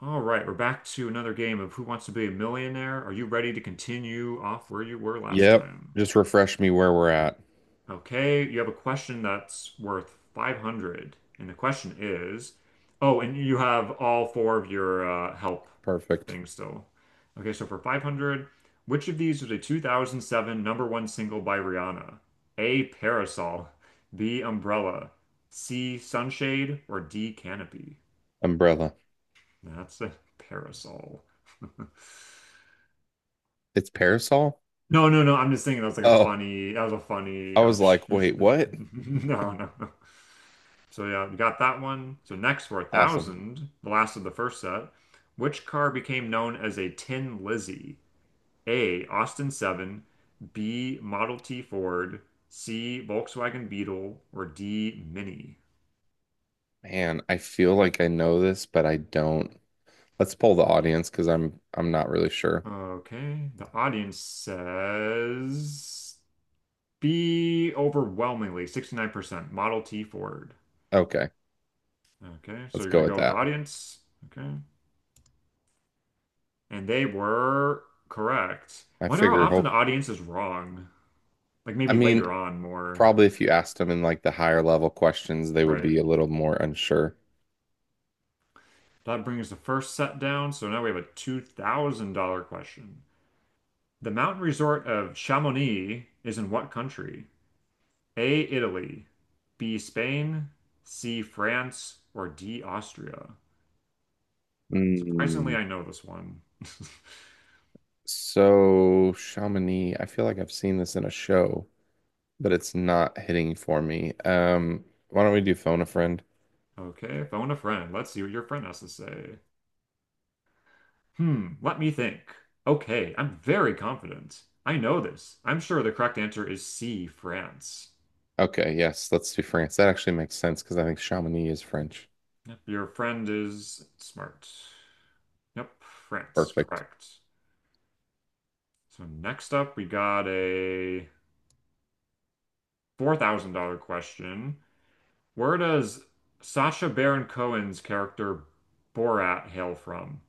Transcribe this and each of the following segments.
All right, we're back to another game of Who Wants to Be a Millionaire? Are you ready to continue off where you were last Yep. time? Just refresh me where we're at. Okay, you have a question that's worth 500. And the question is, oh, and you have all four of your help Perfect. things still. Okay, so for 500, which of these was a 2007 number one single by Rihanna? A, Parasol, B, Umbrella, C, Sunshade, or D, Canopy? Umbrella. That's a parasol. It's parasol? No, no, no. I'm just thinking Oh, that was a I funny was like, option. wait, what? No, no, no. So yeah, we got that one. So next for a Awesome. thousand, the last of the first set, which car became known as a Tin Lizzie? A. Austin 7, B. Model T Ford, C. Volkswagen Beetle, or D. Mini. Man, I feel like I know this, but I don't. Let's pull the audience because I'm not really sure. Okay, the audience says B overwhelmingly, 69%, Model T Ford. Okay, Okay, so let's you're go gonna with go with the that. audience. Okay. And they were correct. I Wonder how figure often the hope. audience is wrong. Like I maybe later mean, on more. probably if you asked them in like the higher level questions, they would Right. be a little more unsure. That brings the first set down, so now we have a $2,000 question. The mountain resort of Chamonix is in what country? A, Italy, B, Spain, C, France, or D, Austria? Surprisingly, Mm, I know this one. so Chamonix, I feel like I've seen this in a show, but it's not hitting for me. Why don't we do phone a friend? Okay, phone a friend. Let's see what your friend has to say. Let me think. Okay, I'm very confident. I know this. I'm sure the correct answer is C, France. Okay, yes, let's do France. That actually makes sense because I think Chamonix is French. Yep, your friend is smart. Yep, France, Perfect. correct. So next up, we got a $4,000 question. Where does Sacha Baron Cohen's character Borat hail from?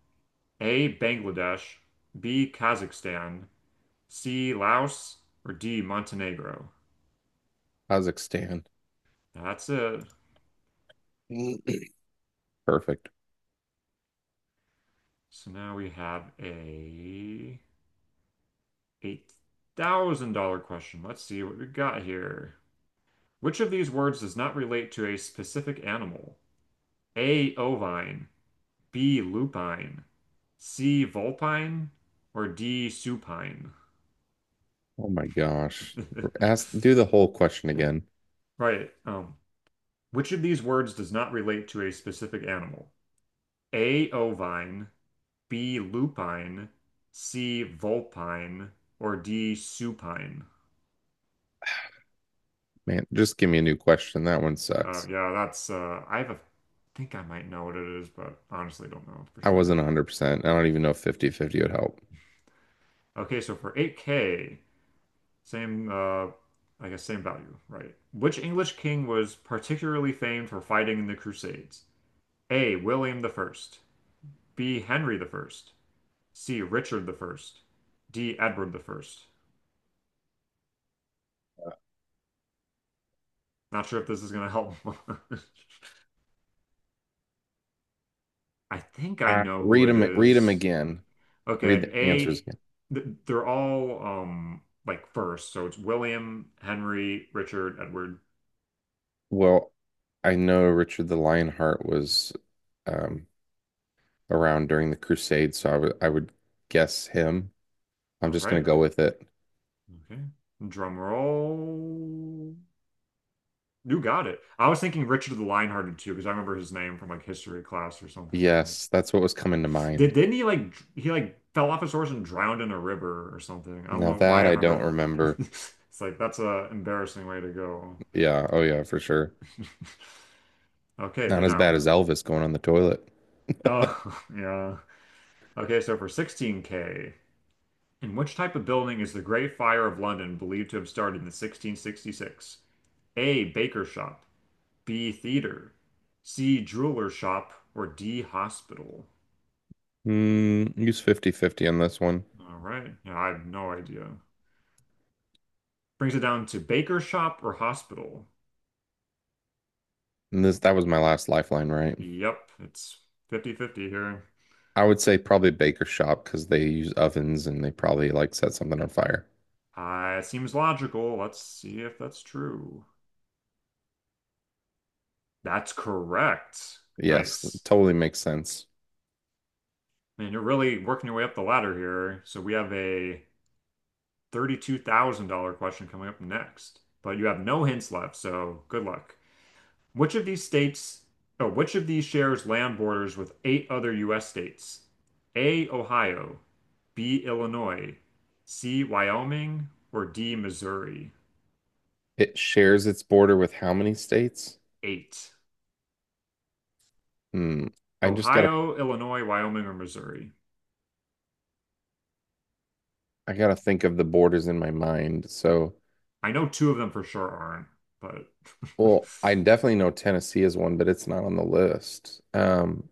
A, Bangladesh, B, Kazakhstan, C, Laos, or D, Montenegro? Kazakhstan. That's it. Perfect. So now we have a $8,000 question. Let's see what we got here. Which of these words does not relate to a specific animal? A. Ovine, B. Lupine, C. Vulpine, or D. Supine? Oh my gosh. Ask, do the whole question again. Right. Which of these words does not relate to a specific animal? A. Ovine, B. Lupine, C. Vulpine, or D. Supine? Man, just give me a new question. That one Oh sucks. yeah, that's I have a think I might know what it is, but honestly don't know for I sure. wasn't 100%. I don't even know if 50 fifty would help. Okay, so for 8K, same I guess same value, right? Which English king was particularly famed for fighting in the Crusades? A. William the First, B. Henry the First, C. Richard the First, D. Edward the First. Not sure if this is gonna help. much. I think I know who read it them, read them is. again. Read Okay, the A, answers again. th they're all like first, so it's William, Henry, Richard, Edward. Well, I know Richard the Lionheart was um, around during the Crusades, so I would guess him. I'm All just gonna right. go with it. Okay. Drum roll. You got it. I was thinking Richard the Lionhearted too, because I remember his name from like history class or something. Like, Yes, that's what was coming to mind. didn't he like fell off his horse and drowned in a river or something? I don't Now know why that I I don't remember. remember. It's like that's a embarrassing way to go. Yeah, oh yeah, for sure. Okay, Not but as bad now, as Elvis going on the toilet. oh yeah. Okay, so for 16K. In which type of building is the Great Fire of London believed to have started in 1666? A. Baker shop. B. Theater. C. Jeweler shop. Or D. Hospital? Use fifty fifty on this one. All right. Yeah, I have no idea. Brings it down to baker shop or hospital. And this that was my last lifeline, right? Yep, it's fifty-fifty here. I would say probably baker shop because they use ovens and they probably like set something on fire. It seems logical. Let's see if that's true. That's correct. Yes, that Nice. totally makes sense. Man, you're really working your way up the ladder here. So we have a $32,000 question coming up next, but you have no hints left, so good luck. Which of these states, oh, which of these shares land borders with eight other U.S. states? A, Ohio, B, Illinois, C, Wyoming, or D, Missouri? It shares its border with how many states? Eight. Hmm. I just gotta Ohio, Illinois, Wyoming, or Missouri? I gotta think of the borders in my mind. So, I know two of them for sure aren't, but well, I definitely know Tennessee is one, but it's not on the list.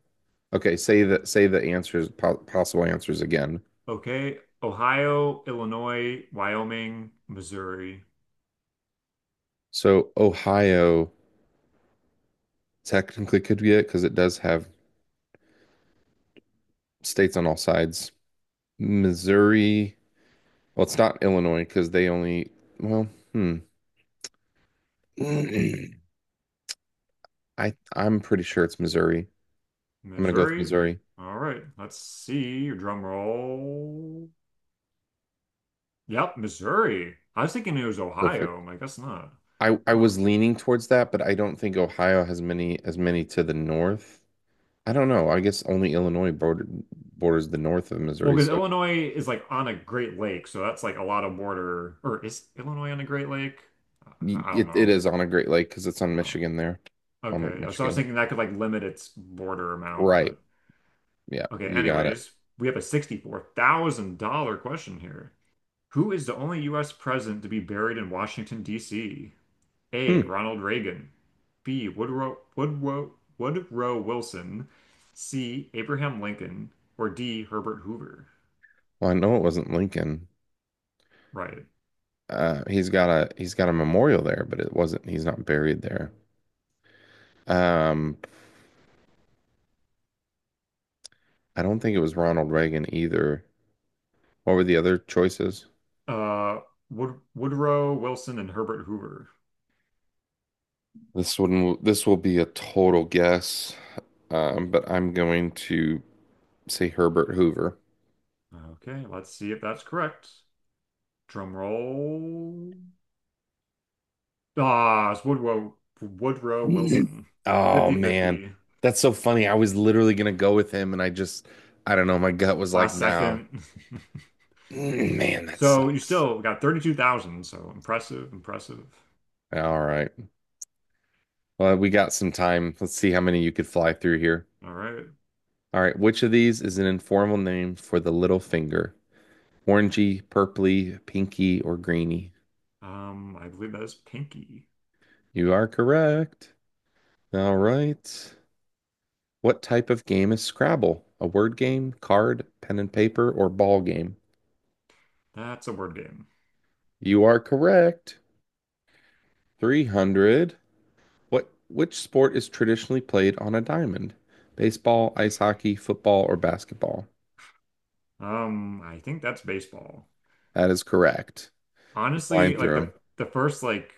Okay, say the answers po possible answers again. okay. Ohio, Illinois, Wyoming, Missouri. So Ohio technically could be it because it does have states on all sides. Missouri, well, it's not Illinois because they only, well, hmm. I'm pretty sure it's Missouri. I'm gonna go with Missouri. Missouri. All right, let's see your drum roll. Yep, Missouri. I was thinking it was Perfect. Ohio. I'm like, that's not. I Huh. was leaning towards that, but I don't think Ohio has many as many to the north. I don't know. I guess only Illinois borders the north of Well, Missouri, because so Illinois is like on a Great Lake, so that's like a lot of border. Or is Illinois on a Great Lake? y- I don't it it know. is on a Great Lake because it's on Huh. Michigan there, on Lake Okay, yeah, so I was Michigan. thinking that could like limit its border amount, Right. but Yeah, okay, you got it. anyways, we have a $64,000 question here. Who is the only US president to be buried in Washington, D.C.? Hmm. A. Ronald Reagan. B. Woodrow Wilson. C. Abraham Lincoln. Or D. Herbert Hoover. Well, I know it wasn't Lincoln. Right. He's got a memorial there, but it wasn't. He's not buried there. Um, I don't think it was Ronald Reagan either. What were the other choices? Uh, Woodrow Wilson and Herbert Hoover. This one, this will be a total guess, but I'm going to say Herbert Hoover. Okay, let's see if that's correct. Drum roll. Ah, it's Woodrow Mm. Wilson. Oh man, Fifty-fifty. that's so funny. I was literally gonna go with him, and I just, I don't know. My gut was like, Last no. second. Man, that So you sucks. still got 32,000. So impressive, impressive. All right. Well, we got some time. Let's see how many you could fly through here. All right. All right. Which of these is an informal name for the little finger? Orangey, purpley, pinky, or greeny? I believe that is Pinky. You are correct. All right. What type of game is Scrabble? A word game, card, pen and paper, or ball game? That's a word game. You are correct. 300. What which sport is traditionally played on a diamond? Baseball, ice hockey, football, or basketball? I think that's baseball. That is correct. You're flying Honestly, through like the them. the first like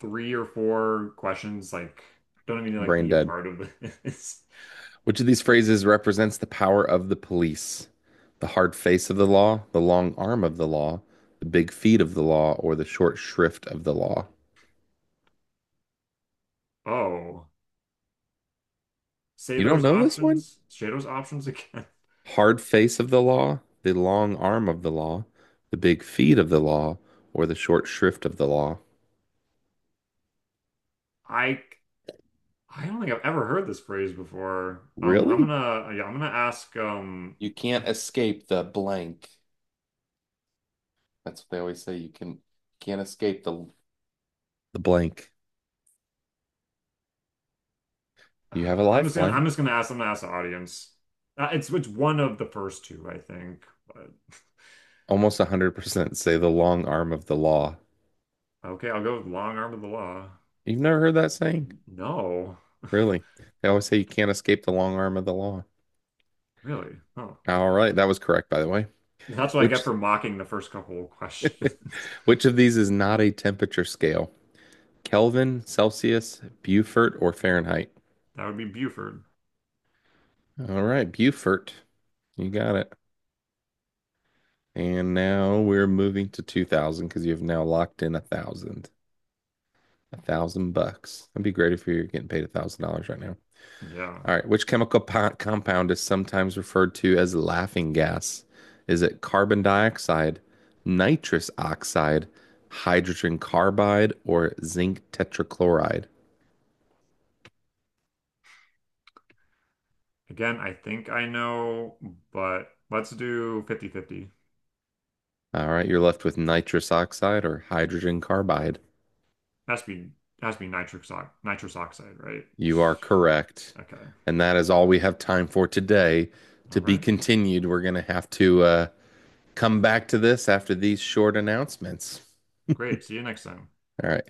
three or four questions, like don't even like Brain be a dead. part of this. Which of these phrases represents the power of the police? The hard face of the law, the long arm of the law, the big feet of the law, or the short shrift of the law? Oh, You don't know this one? Say those options again. Hard face of the law, the long arm of the law, the big feet of the law, or the short shrift of the law? I I don't think I've ever heard this phrase before. I'm Really? gonna yeah, I'm gonna ask. You can't escape the blank. That's what they always say. You can't escape the. The blank. uh, You have a I'm just gonna I'm lifeline. just gonna ask. I'm gonna ask the audience. It's one of the first two, I think. But Almost 100% say the long arm of the law. okay, I'll go with long arm of the law. You've never heard that saying? No. Really? They always say you can't escape the long arm of the law. Really? Oh. All right, that was correct, by the way. That's what I Which get for mocking the first couple of questions. which of these is not a temperature scale? Kelvin, Celsius, Beaufort, or Fahrenheit? That would be Buford. All right, Beaufort. You got it. And now we're moving to 2000 because you've now locked in a thousand. 1,000 bucks. That'd be great if you're getting paid $1,000 right now. Yeah. All right. Which chemical compound is sometimes referred to as laughing gas? Is it carbon dioxide, nitrous oxide, hydrogen carbide, or zinc tetrachloride? Again, I think I know, but let's do fifty-fifty. All right. You're left with nitrous oxide or hydrogen carbide. Has to be has to be nitric ox nitrous oxide, right? You are correct. Okay. And that is all we have time for today. To All be right. continued, we're going to have to come back to this after these short announcements. Great. See you next time. All right.